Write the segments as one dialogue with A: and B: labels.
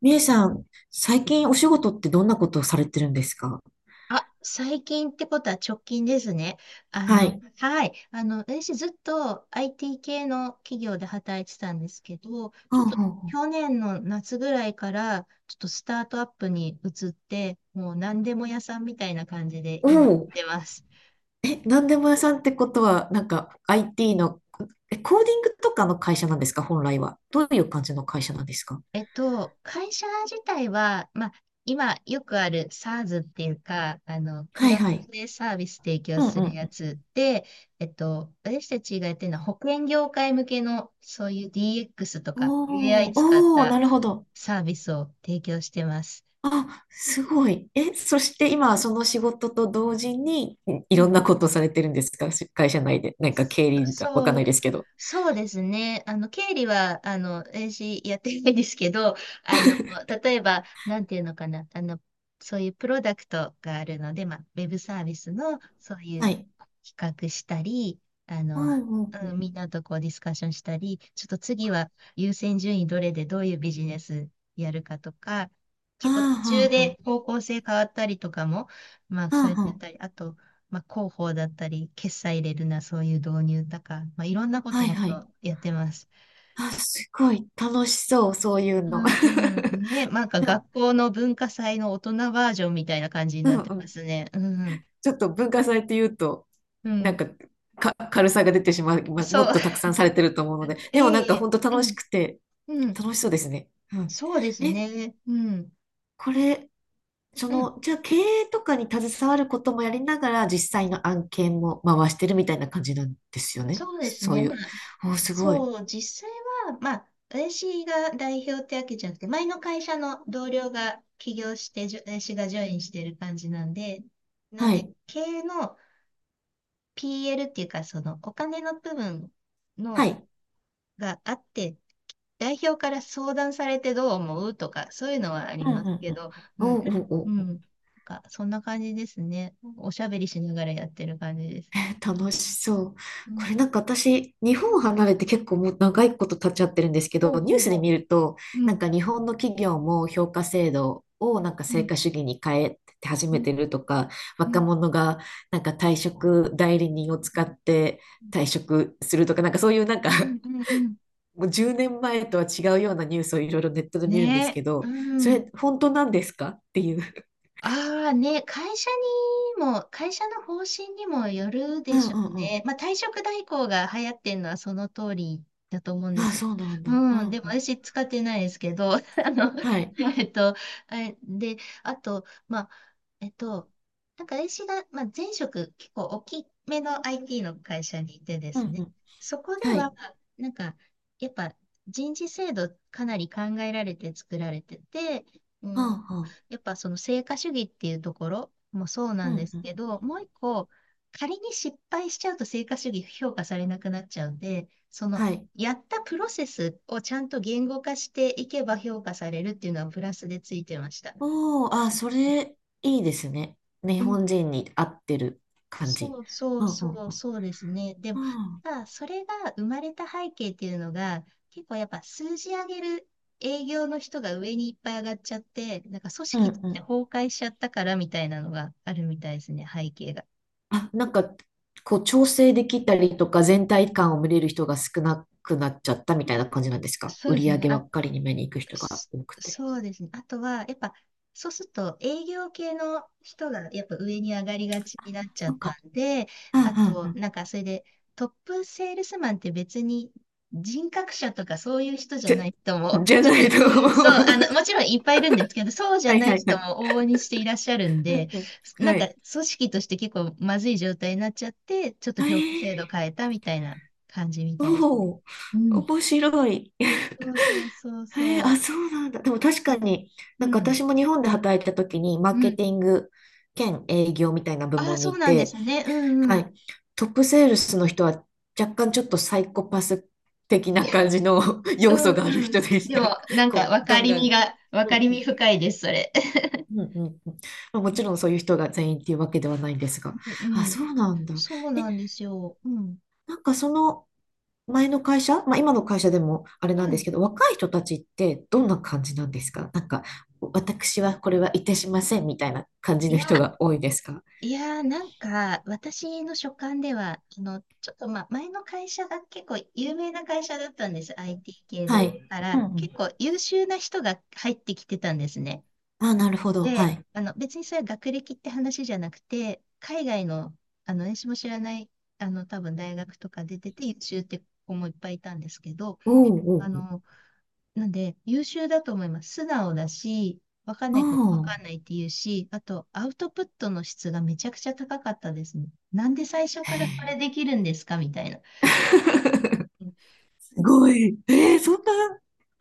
A: みえさん、最近お仕事ってどんなことをされてるんですか？
B: 最近ってことは直近ですね。
A: はい。
B: 私ずっと IT 系の企業で働いてたんですけど、ちょっと
A: あ、
B: 去
A: あ、あ
B: 年の夏ぐらいから、ちょっとスタートアップに移って、もう何でも屋さんみたいな感じで
A: お
B: 今やっ
A: お、
B: てます。
A: え、なんでも屋さんってことは、なんか IT の、え、コーディングとかの会社なんですか？本来は。どういう感じの会社なんですか？
B: 会社自体は、今よくある SaaS っていうか、ク
A: はい
B: ラウ
A: はい。
B: ドでサービス提供
A: うんう
B: する
A: んう
B: や
A: ん。
B: つで、私たちがやってるのは保険業界向けのそういう DX と
A: お
B: か AI
A: お、
B: 使っ
A: おお、な
B: た
A: るほど。
B: サービスを提供してます。
A: あ、すごい。え、そして今、その仕事と同時に、いい
B: う
A: ろん
B: ん。
A: なことをされてるんですか？し会社内で。なんか経理がわかん
B: そ
A: な
B: う、
A: いですけど。
B: そうですね。経理は、私やってないですけど、あの、例えば、なんていうのかな、そういうプロダクトがあるので、ウェブサービスの、そうい
A: は
B: う
A: い。
B: 企画したり、あ
A: う
B: の、
A: んうんう
B: うん、
A: ん。
B: みんなとこうディスカッションしたり、ちょっと次は優先順位どれでどういうビジネスやるかとか、
A: あ
B: 結構途中
A: あ、
B: で
A: は
B: 方向性変わったりとかも、そう
A: あ
B: いう
A: は
B: のやった
A: あ。
B: り、あと、広報だったり、決済入れるな、そういう導入とか、いろんなこ
A: は
B: と
A: い
B: もっ
A: はい。
B: とやってます。
A: あ、すごい楽しそう、そういう
B: う
A: の。
B: んうん。ね、なんか
A: いや、
B: 学校の文化祭の大人バージョンみたいな感じに
A: う
B: なっ
A: ん
B: て
A: う
B: ま
A: ん。
B: すね。うんうん。
A: ちょっと文化祭って言うと、
B: う
A: なん
B: ん。
A: か、か、軽さが出てしまう、まも
B: そう。
A: っとたく さんされてると思うので、でもなんか
B: ええ。
A: 本当
B: う
A: 楽し
B: ん。
A: くて、
B: うん。
A: 楽しそうですね。うん。
B: そうです
A: え、
B: ね。うん。
A: これ、そ
B: うん。
A: の、じゃあ経営とかに携わることもやりながら、実際の案件も回してるみたいな感じなんですよね。
B: そうです
A: そう
B: ね。
A: い
B: まあ、
A: う。おー、すごい。
B: そう、実際は、私が代表ってわけじゃなくて、前の会社の同僚が起業して、私がジョインしてる感じなんで、なん
A: は
B: で、
A: い。
B: 経営の PL っていうか、そのお金の部分
A: は
B: の
A: い。
B: があって、代表から相談されてどう思うとか、そういうのはあり
A: うんう
B: ます
A: ん
B: け
A: うん。
B: ど、
A: おーおーお
B: な
A: ー。
B: んかそんな感じですね。おしゃべりしながらやってる感じです。
A: えー楽しそう。
B: うん、
A: これなんか私、日本を離れて結構もう長いこと経っちゃってるんですけど、
B: ほう
A: ニュ
B: ほ
A: ー
B: う
A: スで見
B: ほ
A: ると、
B: う、う
A: なん
B: ん、
A: か日本の企業も評価制度をなんか
B: う
A: 成
B: ん、
A: 果主義に変えて始
B: う
A: め
B: ん、
A: てるとか、
B: う
A: 若
B: ん、
A: 者がなんか退職代理人を使って退職するとか、なんかそういうなんか、
B: うん、うん、うん
A: もう10年前とは違うようなニュースをいろいろネットで見るんです
B: ね
A: け
B: え、う
A: ど、そ
B: ん。
A: れ本当なんですかっていう。
B: ああね、会社の方針にもよる
A: う
B: で
A: ん
B: しょ
A: うん
B: う
A: うん。
B: ね。まあ、退職代行が流行ってるのはその通りだと思うんで
A: あ、
B: すよ。
A: そうなんだ。う
B: うん、で
A: ん
B: も
A: うん。
B: 私使ってないですけど、の、
A: は い。
B: えっと、あれで、あと、えっと、なんか私が、前職結構大きめの IT の会社にいてで
A: う
B: す
A: んう
B: ね、
A: ん。
B: そこで
A: はい。
B: は、なんか、やっぱ人事制度かなり考えられて作られてて、う
A: う
B: ん、
A: んうん。
B: やっぱその成果主義っていうところもそうな
A: う
B: ん
A: ん
B: です
A: うん。
B: けど、もう一個、仮に失敗しちゃうと成果主義評価されなくなっちゃうんで、その
A: はい。
B: やったプロセスをちゃんと言語化していけば評価されるっていうのはプラスでついてました。
A: おー、あ、それ、いいですね。日
B: う
A: 本
B: ん。
A: 人に合ってる感じ。うんうんうん。
B: そうですね。でも、
A: うん
B: ただそれが生まれた背景っていうのが、結構やっぱ数字上げる営業の人が上にいっぱい上がっちゃって、なんか組
A: うん
B: 織って
A: うん。
B: 崩壊しちゃったからみたいなのがあるみたいですね、背景が。
A: あ、なんか、こう、調整できたりとか、全体感を見れる人が少なくなっちゃったみたいな感じなんですか？
B: そう
A: 売
B: です
A: り上
B: ね。
A: げばっかりに目に行く人が
B: そ
A: 多くて。
B: そうですね。あとは、やっぱ、そうすると営業系の人がやっぱ上に上がりがちになっちゃ
A: そ
B: っ
A: うか。
B: たんで、
A: うんうん
B: あ
A: う
B: と、
A: ん。
B: なんかそれでトップセールスマンって別に人格者とかそういう人じゃ
A: じゃ、
B: ない人も、
A: じゃ
B: ちょっ
A: な
B: と、
A: いと思う。
B: もちろんいっぱいいるんですけど、そう じゃ
A: はい
B: な
A: は
B: い
A: いは
B: 人も
A: い。
B: 往々にしていらっしゃるん
A: う
B: で、
A: んうん。
B: なん
A: は
B: か
A: い。
B: 組織として結構まずい状態になっちゃって、ちょっと
A: え
B: 評価制度
A: ー、
B: 変えたみたいな感じみたいですね。
A: おお、
B: うん。
A: 面白い。
B: そうそうそう
A: へえ、
B: そ
A: あ、
B: う。
A: そうなんだ。でも確
B: う
A: か
B: ん。
A: に、なん
B: う
A: か
B: ん。
A: 私も日本で働いた時に、マ
B: う
A: ーケ
B: ん。
A: ティング兼営業みたいな部
B: ああ、
A: 門に
B: そう
A: い
B: なんで
A: て、
B: すね。うんう
A: は
B: ん。
A: い、トップセールスの人は若干ちょっとサイコパス的な感 じの
B: う
A: 要
B: ん
A: 素がある
B: うん。
A: 人でし
B: で
A: た。
B: も、
A: こう、ガンガン。
B: 分
A: う
B: か
A: ん、
B: りみ深いです、それ。
A: うん、うん。うん、まあもちろんそういう人が全員っていうわけではないんですが。
B: うんう
A: あ、
B: ん。
A: そうなんだ。
B: そう
A: え、
B: なんですよ。うん。
A: なんかその、前の会社、まあ、今の会社でもあれ
B: う
A: なんです
B: ん。
A: けど、若い人たちってどんな感じなんですか？なんか、私はこれはいたしませんみたいな感じ
B: い
A: の
B: や、
A: 人が多いですか？
B: いや、私の所感では、あの、ちょっと、ま、前の会社が結構有名な会社だったんです、IT 系
A: は
B: で。
A: い。
B: か
A: うん
B: ら、
A: うん。
B: 結構優秀な人が入ってきてたんですね。
A: あ、なるほど。は
B: で、
A: い。
B: 別にそれは学歴って話じゃなくて、海外の、私も知らない、多分大学とか出てて優秀って子もいっぱいいたんですけど、
A: おう
B: あ
A: おう
B: の、なんで、優秀だと思います。素直だし、わかんないことわ
A: おう。
B: かんな
A: あ
B: いって言うし、あと、アウトプットの質がめちゃくちゃ高かったですね。なんで最初
A: あ。へ
B: からこれ
A: え。
B: できるんですかみたいな。うん。
A: すごい。えー、そん
B: そ
A: な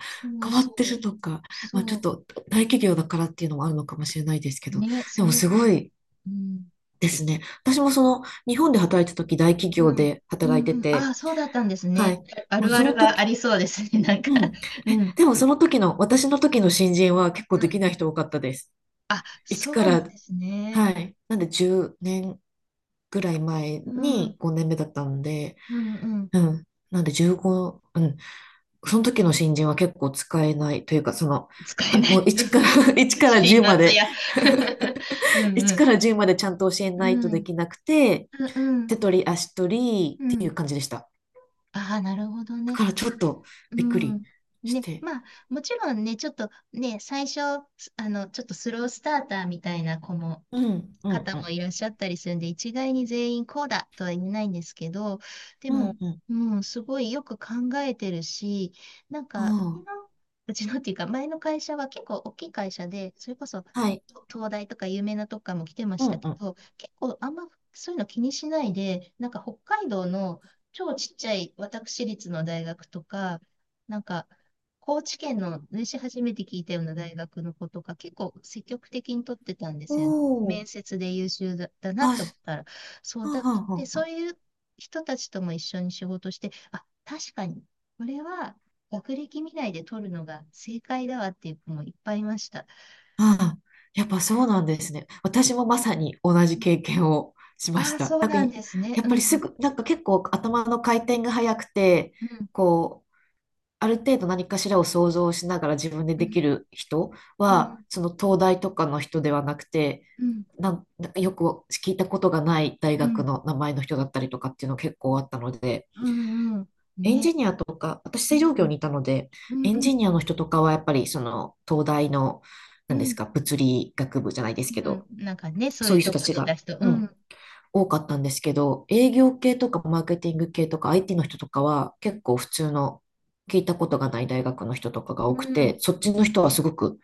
B: そ
A: 変
B: う
A: わ
B: そ
A: ってる
B: う。
A: のか。まあ、ち
B: そ
A: ょっ
B: う。
A: と大企業だからっていうのもあるのかもしれないですけど、
B: ね、
A: で
B: それ
A: も
B: は
A: す
B: ある
A: ご
B: かも。
A: い
B: うん。
A: ですね。私もその日本で働いた時大企
B: う
A: 業
B: ん。
A: で
B: う
A: 働い
B: ん
A: て
B: うん。あ
A: て、
B: あ、そうだったんです
A: はい。
B: ね。あ
A: もう
B: るあ
A: その
B: るがあ
A: 時、
B: りそうですね。なんか。
A: うん。え、
B: うん。
A: でもその時の、私の時の新人は結構
B: う
A: でき
B: ん。
A: ない人多かったです。
B: あ、
A: 一
B: そ
A: か
B: うなん
A: ら、
B: ですね。
A: はい。なんで10年ぐらい前
B: うん。
A: に5年目だったので、
B: うんうん。
A: うん。なんで15、うん。その時の新人は結構使えないというか、その、
B: 使え
A: は
B: な
A: もう
B: い。
A: 1か ら1 から
B: 辛
A: 10ま
B: 辣
A: で、
B: や。う んう
A: 1
B: ん。
A: から1までちゃんと教え
B: う
A: ないとで
B: ん。
A: きなくて、
B: うんう
A: 手
B: ん。
A: 取り足取りっ
B: う
A: ていう
B: ん。
A: 感じでした。
B: ああ、なるほど
A: だ
B: ね。
A: からちょっと
B: う
A: びっくり
B: ん。
A: し
B: ね、
A: て。
B: まあ、もちろんね、ちょっとね、最初、ちょっとスロースターターみたいな
A: うん、うん、
B: 方
A: う
B: も
A: ん。
B: いらっしゃったりするんで、一概に全員こうだとは言えないんですけど、で
A: う
B: も、
A: ん、うん。
B: うん、すごいよく考えてるし、なんか、うち
A: あ
B: の、うちのっていうか、前の会社は結構大きい会社で、それこそ、
A: あ。は
B: ね、
A: い。
B: 東大とか有名なとこからも来てま
A: う
B: した
A: ん
B: け
A: うん。
B: ど、結構あんまそういうの気にしないで、なんか北海道の超ちっちゃい私立の大学とか、なんか、高知県のね、私初めて聞いたような大学の子とか、結構積極的に取ってたんで
A: お
B: すよね。
A: お。
B: 面接で優秀だ、だなっ
A: あ、
B: て思ったら、そう
A: はん
B: だ、
A: はんは
B: で、
A: んは
B: そ
A: ん。
B: ういう人たちとも一緒に仕事して、あ、確かに、これは学歴見ないで取るのが正解だわっていう子もいっぱいいました。
A: ああ、やっぱそうなんですね。私もまさに同じ経験をしま
B: あ
A: し
B: あ、そ
A: た。
B: う
A: なんか
B: なん
A: い、
B: ですね。
A: や
B: う
A: っぱりす
B: ん、
A: ぐ、なんか結構頭の回転が速くて、
B: うん、
A: こう、ある程度何かしらを想像しながら自分で
B: う
A: でき
B: ん、
A: る人
B: うん、
A: は、その東大とかの人ではなくて、
B: うん、
A: なん、なんかよく聞いたことがない大
B: う
A: 学
B: ん、
A: の名前の人だったりとかっていうの結構あったので、
B: うん、うん
A: エン
B: ね、
A: ジニアとか、私
B: う
A: 製造業
B: ん、
A: にい
B: ね
A: たので、
B: うん、
A: エン
B: う
A: ジ
B: ん、
A: ニアの人とかはやっぱりその東大の、
B: う
A: なんです
B: ん、
A: か、物理学部じゃないですけ
B: うん、
A: ど、
B: なんかね、そう
A: そ
B: い
A: うい
B: う
A: う人
B: と
A: た
B: こ
A: ち
B: 出た
A: が、
B: 人、う
A: うん、
B: ん、
A: 多かったんですけど、営業系とかマーケティング系とか IT の人とかは結構普通の聞いたことがない大学の人とかが多
B: う
A: くて、
B: ん、
A: そっちの人はすごく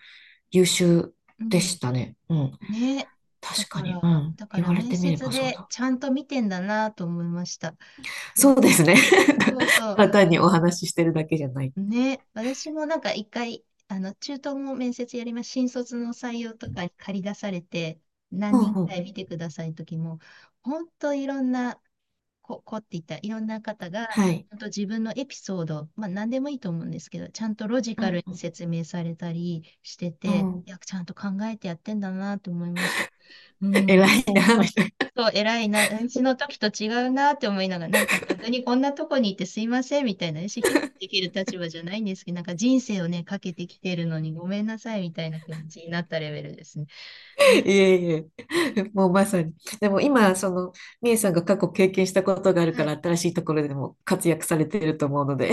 A: 優秀
B: う
A: で
B: ん。
A: したね。うん。
B: ね。
A: 確かに。うん。
B: だか
A: 言
B: ら
A: われ
B: 面
A: てみれ
B: 接
A: ばそう
B: で
A: だ。
B: ちゃんと見てんだなと思いました。うん。
A: そうですね。
B: そうそ
A: ただ単にお話ししてるだけじゃない。
B: う。ね。私もなんか一回、中東も面接やります。新卒の採用とかに借り出されて、
A: う
B: 何
A: ん
B: 人
A: う
B: か
A: ん。
B: い見てください時も、本当いろんな、こっていったいろんな方が、
A: はい。
B: 本当自分のエピソード、まあ何でもいいと思うんですけど、ちゃんとロジ
A: う
B: カ
A: ん
B: ル
A: う
B: に
A: ん
B: 説明されたりして
A: う
B: て、
A: ん、
B: いや、ちゃんと考えてやってんだなと思いました。う
A: 偉
B: ん。
A: いな、みたいな。
B: そう、偉いな、私の時と違うなって思いながら、なんか逆にこんなとこにいてすいませんみたいな、意思評価できる立場じゃないんですけど、なんか人生をね、かけてきてるのにごめんなさいみたいな気持ちになったレベルですね。うん。
A: いえいえ。もうまさに。でも今、その、みえさんが過去経験したことがある
B: は
A: から、
B: い。
A: 新しいところでも活躍されてると思うので。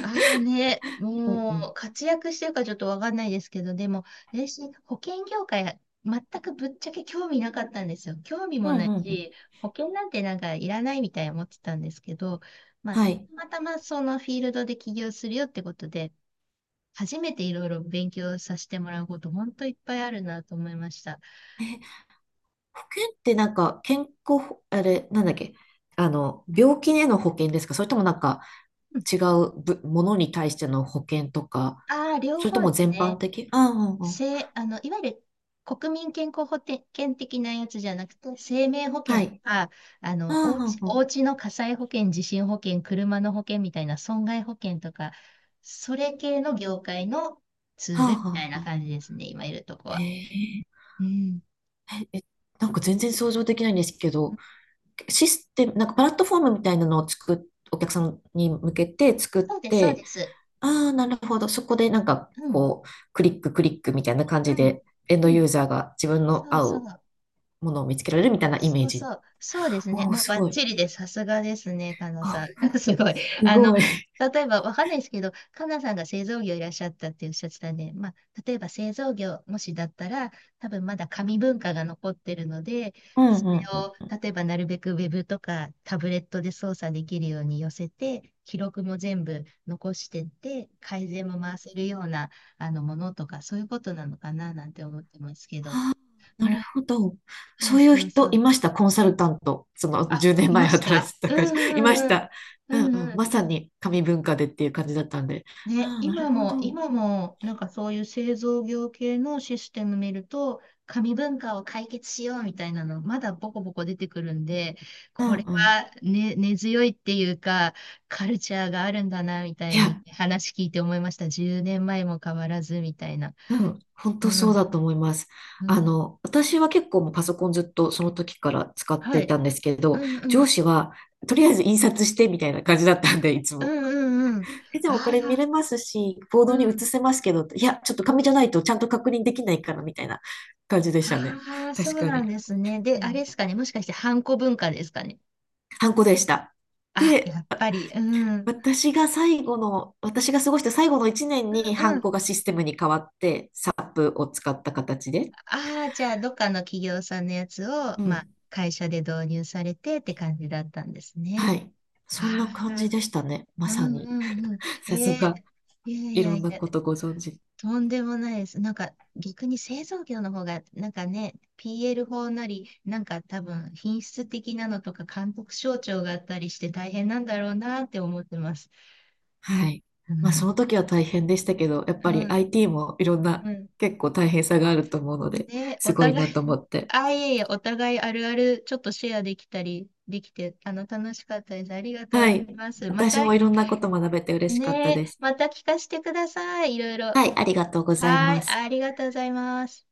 B: ああね、
A: うん
B: も
A: う
B: う
A: ん。
B: 活躍してるかちょっとわかんないですけど、でも、私、保険業界、全くぶっちゃけ興味なかったんですよ。興味
A: う
B: もな
A: んう
B: い
A: んうん。
B: し、保険なんてなんかいらないみたいに思ってたんですけど、た
A: はい。
B: またまそのフィールドで起業するよってことで、初めていろいろ勉強させてもらうこと、本当いっぱいあるなと思いました。
A: え、保険ってなんか、健康保、あれ、なんだっけ、あの、病気への保険ですか？それともなんか、
B: うん。
A: 違うぶものに対しての保険とか、
B: ああ、両
A: それと
B: 方
A: も
B: です
A: 全般
B: ね。
A: 的、ああ、うんうんうん。
B: せ、あの、いわゆる国民健康保険的なやつじゃなくて、生命保険
A: は
B: と
A: い。
B: か、
A: ああ、うんう
B: お
A: ん。
B: うちの火災保険、地震保険、車の保険みたいな損害保険とか、それ系の業界のツー
A: は
B: ル
A: あ
B: みた
A: は
B: い
A: あ
B: な
A: はあ。
B: 感じですね、今いるとこ
A: へ
B: は。
A: え。
B: うん。
A: え、え、なんか全然想像できないんですけど、システム、なんかプラットフォームみたいなのを作っ、お客さんに向けて作っ
B: そうです、そう
A: て、
B: です。
A: ああ、なるほど。そこでなんか
B: うん、
A: こう、クリッククリックみたいな感
B: う
A: じ
B: ん、
A: で、エンド
B: う
A: ユ
B: ん。
A: ーザーが自分の
B: そう
A: 合
B: そ
A: う
B: う。
A: ものを見つけられるみたいなイメー
B: そう
A: ジ。
B: そう、そうですね。
A: おお、
B: もう
A: す
B: バッ
A: ごい。
B: チリです。さすがですね、かなさん。
A: あ、
B: すごい。
A: す
B: あの、
A: ごい。
B: 例えば、わかんないですけど、かなさんが製造業いらっしゃったっておっしゃってたんで、まあ、例えば製造業、もしだったら、多分まだ紙文化が残ってるので、
A: うん
B: それ
A: うん
B: を、
A: うん。
B: 例えばなるべくウェブとかタブレットで操作できるように寄せて、記録も全部残してって、改善も回せるようなものとか、そういうことなのかななんて思ってますけど。
A: あー、な
B: う
A: る
B: ん。
A: ほど。
B: そ
A: そ
B: う
A: ういう
B: そうそ
A: 人い
B: う。
A: ました、コンサルタント。その
B: あ、
A: 10年
B: い
A: 前
B: まし
A: 働い
B: た。
A: てた
B: う
A: 会社。いま
B: んう
A: し
B: んうん。
A: た。
B: う
A: うんう
B: んう
A: ん。
B: ん。
A: まさに紙文化でっていう感じだったんで。あ
B: ね、
A: あ、なるほど。
B: 今も、なんかそういう製造業系のシステム見ると、紙文化を解決しようみたいなの、まだボコボコ出てくるんで、
A: う
B: こ
A: ん
B: れ
A: うん。
B: は、ね、根強いっていうか、カルチャーがあるんだな、みた
A: い
B: いに
A: や、
B: 話聞いて思いました。10年前も変わらず、みたいな。
A: うん、本当
B: う
A: そう
B: ん、
A: だと思います。
B: う
A: あ
B: ん。
A: の、私は結構もうパソコンずっとその時から使って
B: は
A: い
B: い。
A: たんですけ
B: う
A: ど、
B: んう
A: 上
B: ん。
A: 司はとりあえず印刷してみたいな感じだったんで、いつ
B: う
A: も。
B: んうんうん。
A: えでもこ
B: あ
A: れ見れ
B: あ、
A: ますし、ボー
B: う
A: ドに映
B: ん。
A: せますけど、いや、ちょっと紙じゃないとちゃんと確認できないからみたいな感じでしたね。
B: ああ、そ
A: 確
B: う
A: か
B: なん
A: に。
B: ですね。で、
A: う
B: あれ
A: ん。
B: ですかね。もしかして、ハンコ文化ですかね。
A: ハンコでした。
B: あ、
A: で、
B: やっ
A: あ、
B: ぱり、うん。うん
A: 私が最後の、私が過ごした最後の1年に
B: う
A: ハンコ
B: ん。
A: がシステムに変わって、SAP を使った形で。
B: ああ、じゃあ、どっかの企業さんのやつを、
A: う
B: まあ、
A: ん、
B: 会社で導入されてって感じだったんですね。
A: はい。そんな
B: あ
A: 感じ
B: あ、
A: でしたね。ま
B: う
A: さ
B: んう
A: に。
B: んうん。
A: さす
B: え
A: が、
B: ー、いやい
A: い
B: や
A: ろん
B: い
A: な
B: や、
A: ことご存知。
B: とんでもないです。逆に製造業の方が、なんかね、PL 法なり、なんか多分、品質的なのとか、監督省庁があったりして大変なんだろうなって思ってます。
A: はい。
B: う
A: まあ、そ
B: ん
A: の時は大変でしたけど、やっ
B: う
A: ぱり
B: ん、
A: IT もいろん
B: う
A: な
B: ん。
A: 結構大変さがあると思うので、
B: ね、
A: す
B: お
A: ごいな
B: 互い
A: と思 って。
B: あ、いえいえ、お互いあるある、ちょっとシェアできたり、できて、楽しかったです。ありがと
A: は
B: うござい
A: い。
B: ます。ま
A: 私
B: た、
A: もいろんなこと学べて嬉しかった
B: ね、
A: です。
B: また聞かせてください。いろいろ。
A: はい、ありがとうござい
B: は
A: ま
B: い、
A: す。
B: ありがとうございます。